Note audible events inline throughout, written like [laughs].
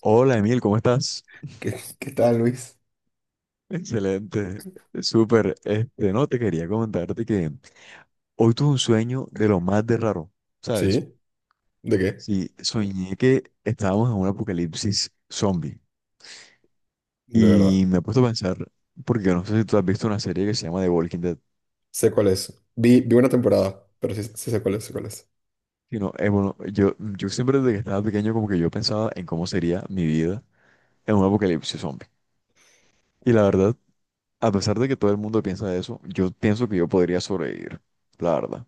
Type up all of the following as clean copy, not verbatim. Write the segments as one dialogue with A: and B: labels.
A: Hola Emil, ¿cómo estás?
B: ¿Qué tal, Luis?
A: Excelente, súper. No, te quería comentarte que hoy tuve un sueño de lo más de raro, ¿sabes?
B: ¿Sí? ¿De qué?
A: Sí, soñé que estábamos en un apocalipsis zombie
B: De verdad.
A: y me he puesto a pensar, porque yo no sé si tú has visto una serie que se llama The Walking Dead.
B: Sé cuál es. Vi una temporada, pero sí, sí sé cuál es, sé cuál es.
A: Y no, bueno, yo siempre desde que estaba pequeño como que yo pensaba en cómo sería mi vida en un apocalipsis zombie. Y la verdad, a pesar de que todo el mundo piensa eso, yo pienso que yo podría sobrevivir, la verdad.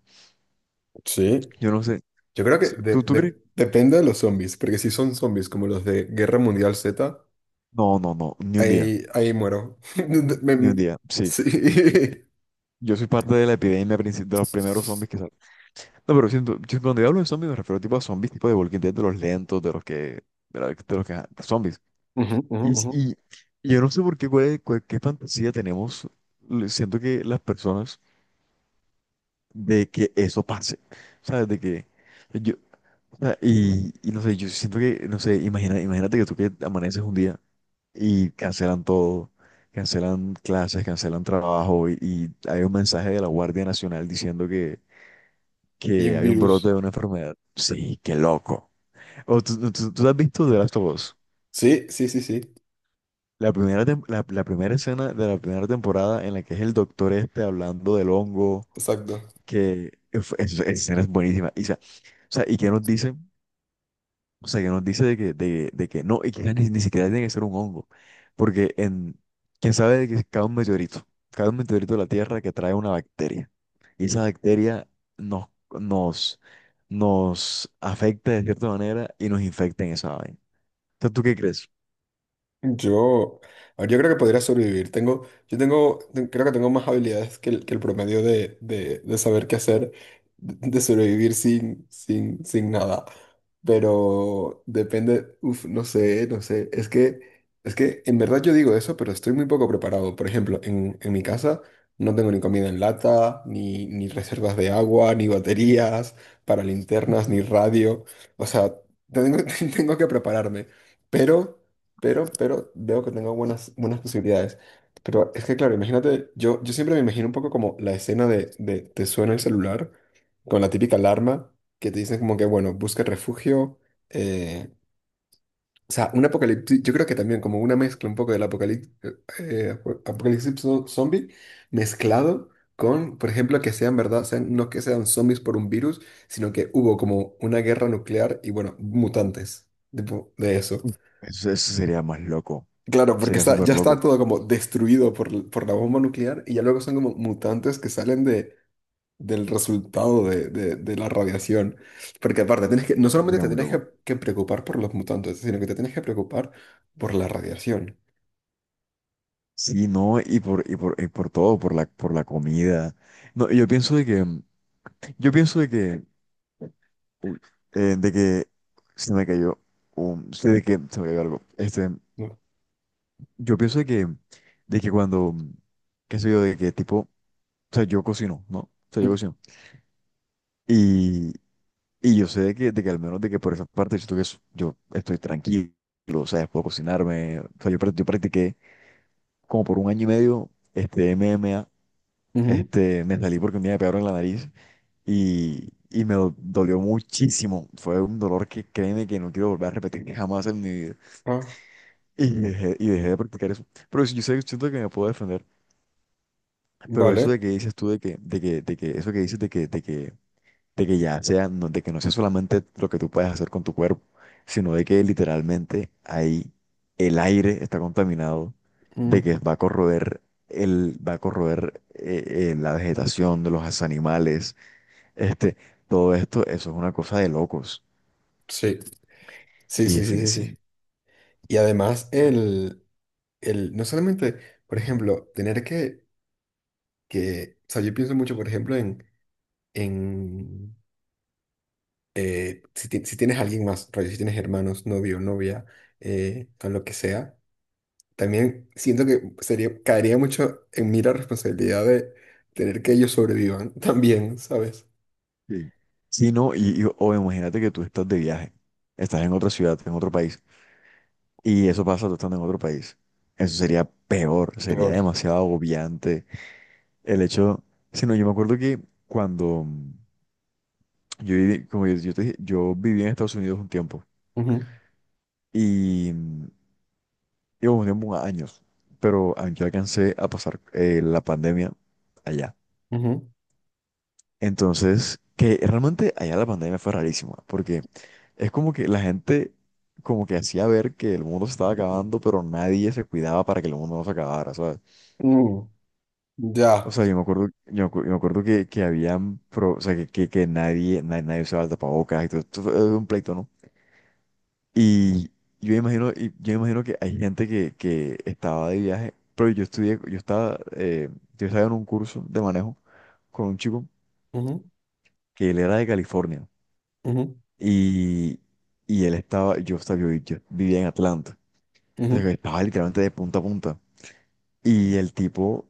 B: Sí.
A: Yo no sé,
B: Yo creo que
A: sí,
B: de-
A: ¿tú
B: de-
A: crees?
B: depende de los zombies, porque si son zombies como los de Guerra Mundial Z,
A: No, no, no, ni un día,
B: ahí muero. [laughs]
A: ni un
B: Me-
A: día, sí.
B: sí.
A: Yo soy parte de la epidemia de los primeros zombies que salen. No, pero siento, yo cuando yo hablo de zombies me refiero tipo a zombies tipo de Walking Dead, de los lentos, de los que, de los que, de zombies.
B: Ujú, ujú,
A: Y,
B: ujú.
A: y, y yo no sé por qué, qué fantasía tenemos, siento que las personas, de que eso pase, ¿sabes? De que yo, o sea, y no sé, yo siento que, no sé, imagínate que tú que amaneces un día y cancelan todo, cancelan clases, cancelan trabajo y hay un mensaje de la Guardia Nacional diciendo
B: Y
A: que
B: un
A: hay un brote de
B: virus.
A: una enfermedad. Sí, qué loco. O, tú has visto The Last of Us?
B: Sí, sí, sí, sí.
A: La primera, la primera escena de la primera temporada en la que es el doctor este hablando del hongo,
B: Exacto.
A: que uf, esa escena es buenísima. O sea, ¿y qué nos dicen? O sea, que nos dice de que, de que no, y que ni, ni siquiera tiene que ser un hongo. Porque en, quién sabe de que cae un meteorito de la Tierra que trae una bacteria. Y esa bacteria nos, nos, nos afecta de cierta manera y nos infecta en esa vaina. Entonces, ¿tú qué crees?
B: Yo, a ver, yo creo que podría sobrevivir. Tengo, yo tengo, ten- creo que tengo más habilidades que el promedio de saber qué hacer, de sobrevivir sin, sin, sin nada. Pero depende, uf, no sé, no sé. Es que en verdad yo digo eso, pero estoy muy poco preparado. Por ejemplo, en mi casa no tengo ni comida en lata, ni, ni reservas de agua, ni baterías para linternas, ni
A: [laughs]
B: radio. O sea, tengo, [laughs] tengo que prepararme. Pero pero veo que tengo buenas, buenas posibilidades. Pero es que, claro, imagínate, yo siempre me imagino un poco como la escena de te suena el celular con la típica alarma que te dicen como que, bueno, busca refugio. eh, o sea, un apocalipsis, yo creo que también como una mezcla un poco del apocalipsis, apocalipsis zo- zombie mezclado con, por ejemplo, que sean verdad, sean, no que sean zombies por un virus, sino que hubo como una guerra nuclear y, bueno, mutantes, tipo, de eso.
A: Eso sería más loco.
B: Claro, porque
A: Sería
B: está,
A: súper
B: ya está
A: loco.
B: todo como destruido por, l- por la bomba nuclear y ya luego son como mutantes que salen de, del resultado de, de la radiación. Porque aparte, tienes que, no solamente
A: Sería
B: te
A: muy
B: tienes
A: loco.
B: que preocupar por los mutantes, sino que te tienes que preocupar por la radiación.
A: Sí, no, y por todo, por la comida. No, yo pienso de que uy, de que se me cayó un, sí, de que se me cayó algo. Este,
B: ¿No?
A: yo pienso de que cuando, qué sé yo, de que tipo, o sea, yo cocino, ¿no? O sea, yo
B: Mm,
A: cocino. Y, y yo sé de que al menos de que por esa parte siento que yo estoy tranquilo, o sea, puedo cocinarme. O sea, yo, yo practiqué como por un año y medio, este, MMA
B: ujú.
A: este, me salí porque un día me pegaron en la nariz y me dolió muchísimo. Fue un dolor que créeme que no quiero volver a repetir jamás en mi vida.
B: Ah,
A: Y dejé de practicar eso. Pero sí, yo sé, siento que me puedo defender. Pero eso de
B: vale.
A: que dices tú, eso que dices de que, de que, de que ya sea, de que no sea solamente lo que tú puedes hacer con tu cuerpo, sino de que literalmente ahí el aire está contaminado, de
B: Mm,
A: que va a corroer el, va a corroer la vegetación de los animales, este, todo esto, eso es una cosa de locos.
B: sí. Sí,
A: Y
B: sí, sí, sí, sí.
A: definitivamente
B: Y además, el, no solamente, por ejemplo, tener que, o sea, yo pienso mucho, por ejemplo, en... en si, ti- si tienes alguien más, rollo, si tienes hermanos, novio, novia, o lo que sea, también siento que sería, caería mucho en mí la responsabilidad de tener que ellos sobrevivan [laughs] también, ¿sabes?
A: sí. Sí, no, o imagínate que tú estás de viaje, estás en otra ciudad, en otro país, y eso pasa tú estando en otro país. Eso sería peor, sería
B: Peor.
A: demasiado agobiante. El hecho, si no, yo me acuerdo que cuando yo, yo te dije, yo viví en Estados Unidos un tiempo,
B: Ujú,
A: y y hubo un tiempo, años, pero yo alcancé a pasar la pandemia allá.
B: ujú.
A: Entonces, que realmente allá la pandemia fue rarísima, porque es como que la gente como que hacía ver que el mundo se estaba acabando, pero nadie se cuidaba para que el mundo no se acabara, ¿sabes?
B: Mm, ya.
A: O sea, yo me acuerdo, yo, yo me acuerdo que habían, o sea, que nadie, nadie, nadie usaba el tapabocas, y todo, esto fue un pleito, ¿no? Y y yo imagino que hay gente que estaba de viaje, pero yo estudié, yo estaba en un curso de manejo con un chico
B: Ujú,
A: que él era de California.
B: ujú,
A: Y, y él estaba, yo vivía en Atlanta. O sea,
B: ujú,
A: que estaba literalmente de punta a punta. Y el tipo,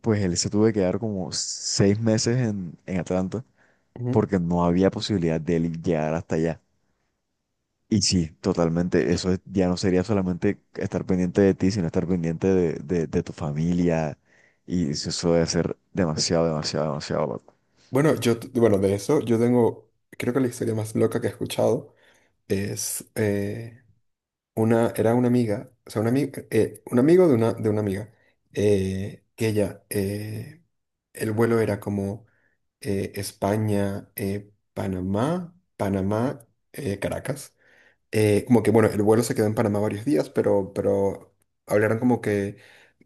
A: pues él se tuvo que quedar como seis meses en Atlanta
B: ujú.
A: porque no había posibilidad de él llegar hasta allá. Y sí, totalmente, ya no sería solamente estar pendiente de ti, sino estar pendiente de tu familia. Y eso eso debe ser demasiado, demasiado, demasiado loco.
B: Bueno, yo, t- bueno, de eso, yo tengo, creo que la historia más loca que he escuchado es, una, era una amiga, o sea, una ami- un amigo de una amiga, que ella, el vuelo era como España, Panamá, Panamá, Caracas como que, bueno, el vuelo se quedó en Panamá varios días, pero hablaron como que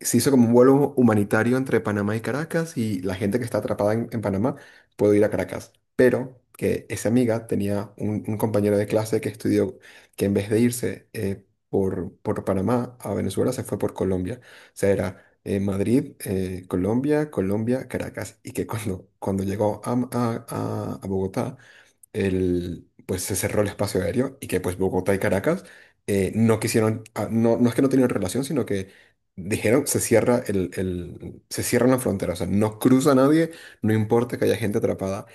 B: se hizo como un vuelo humanitario entre Panamá y Caracas y la gente que está atrapada en Panamá puede ir a Caracas. Pero que esa amiga tenía un compañero de clase que estudió que en vez de irse por Panamá a Venezuela se fue por Colombia. O sea, era Madrid, Colombia, Colombia, Caracas. Y que cuando llegó a a Bogotá el, pues se cerró el espacio aéreo y que pues Bogotá y Caracas no quisieron, ah, no, no es que no tenían relación, sino que dijeron se cierra el- se cierra la frontera, o sea, no cruza nadie, no importa que haya gente atrapada.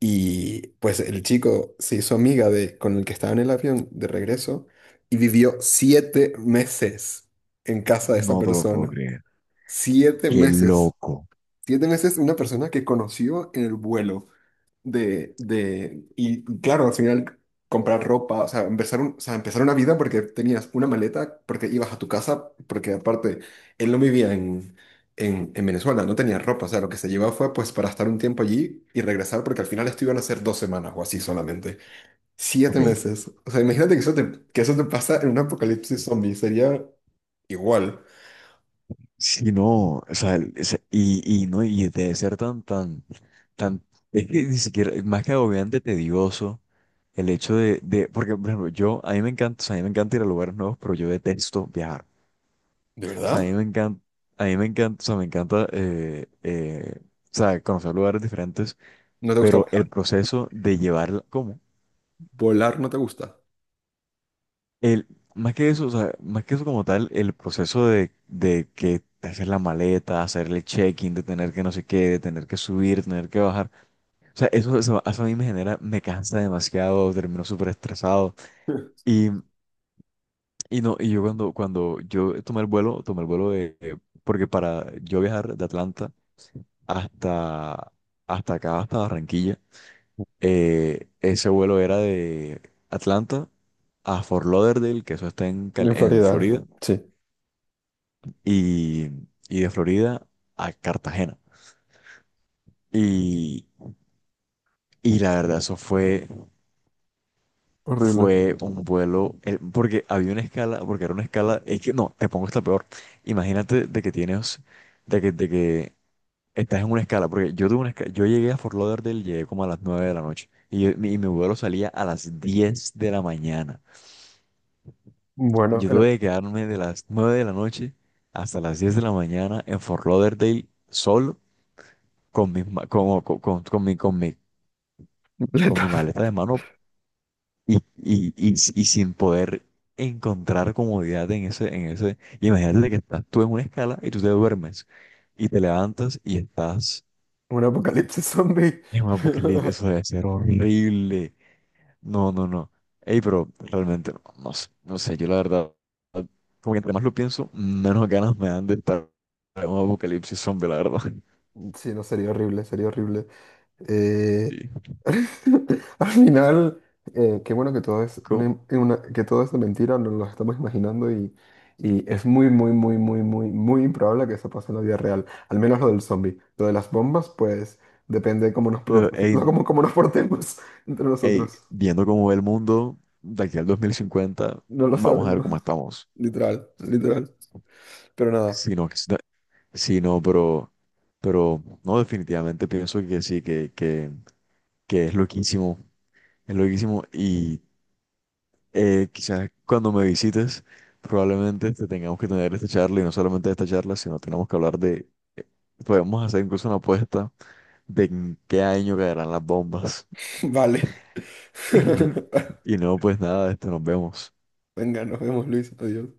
B: Y pues el chico se hizo amiga de, con el que estaba en el avión de regreso y vivió 7 meses en casa de esa
A: No te lo puedo
B: persona.
A: creer.
B: Siete
A: Qué
B: meses.
A: loco.
B: 7 meses una persona que conoció en el vuelo de, y claro, al final comprar ropa, o sea, empezar, un- o sea, empezar una vida porque tenías una maleta, porque ibas a tu casa, porque aparte él no vivía en Venezuela, no tenía ropa, o sea, lo que se llevaba fue pues para estar un tiempo allí y regresar, porque al final esto iban a ser 2 semanas o así solamente. Siete
A: Ok.
B: meses. O sea, imagínate que eso te pasa en un apocalipsis zombie, sería igual.
A: Sí, no, o sea, y no, y debe ser tan, tan, tan, es que ni siquiera, más que agobiante, tedioso, el hecho de, porque, por ejemplo, yo, a mí me encanta, o sea, a mí me encanta ir a lugares nuevos, pero yo detesto viajar,
B: ¿De
A: o sea, a mí
B: verdad?
A: me encanta, a mí me encanta, o sea, me encanta, o sea, conocer lugares diferentes,
B: ¿No te gusta
A: pero
B: volar?
A: el proceso de llevar, ¿cómo?
B: ¿Volar no te gusta?
A: El, más que eso, o sea, más que eso como tal, el proceso de que hacer la maleta, hacer el check-in, de tener que no sé qué, de tener que subir, tener que bajar. O sea, eso a mí me genera, me cansa demasiado, termino súper estresado.
B: [laughs]
A: Y, y no, y yo cuando, cuando yo tomé el vuelo porque para yo viajar de Atlanta hasta, hasta acá, hasta Barranquilla, ese vuelo era de Atlanta a Fort Lauderdale, que eso está en,
B: En
A: en
B: Florida,
A: Florida
B: sí.
A: y, y de Florida a Cartagena. Y, y la verdad, eso fue,
B: Horrible.
A: fue un vuelo, porque había una escala, porque era una escala, es que no, te pongo esta peor. Imagínate de que tienes, de que estás en una escala, porque yo tuve una escala, yo llegué a Fort Lauderdale, llegué como a las 9 de la noche, y, y mi vuelo salía a las 10 de la mañana.
B: Bueno,
A: Yo
B: en el-
A: tuve que quedarme de las 9 de la noche hasta las 10 de la mañana en Fort Lauderdale solo con mis, ma- como- con mi, con mi con mi
B: letal.
A: maleta de mano y sin poder encontrar comodidad en ese, en ese. Y imagínate que estás tú en una escala y tú te duermes y te levantas y estás
B: [laughs] Un apocalipsis zombie.
A: en un apocalipsis.
B: [laughs]
A: Eso debe ser horrible. No, no, no. Ey, pero realmente no, no sé, no sé, yo la verdad, como que entre más lo pienso, menos ganas me dan de estar en un apocalipsis zombie, la verdad. [laughs]
B: Sí, no, sería horrible, sería horrible. Eh,
A: Sí.
B: [laughs] Al final, qué bueno que todo es
A: Como-
B: una- que todo es de mentira, nos lo estamos imaginando y es muy, muy, muy, muy, muy, muy improbable que eso pase en la vida real. Al menos lo del zombie. Lo de las bombas, pues depende de cómo nos, por- [laughs]
A: ey,
B: cómo, cómo nos portemos entre
A: ey,
B: nosotros.
A: viendo cómo ve el mundo de aquí al 2050,
B: No lo
A: vamos a ver
B: sabemos.
A: cómo estamos.
B: Literal, literal. Pero nada,
A: Sí, no, sí, no, pero no, definitivamente pienso que sí, que es loquísimo y quizás cuando me visites probablemente te tengamos que tener esta charla y no solamente esta charla, sino tenemos que hablar de, eh, podemos hacer incluso una apuesta de en qué año caerán las bombas.
B: [laughs] vale.
A: [laughs]
B: [laughs]
A: Y no, pues nada, esto nos vemos.
B: Venga, nos vemos, Luis. Adiós.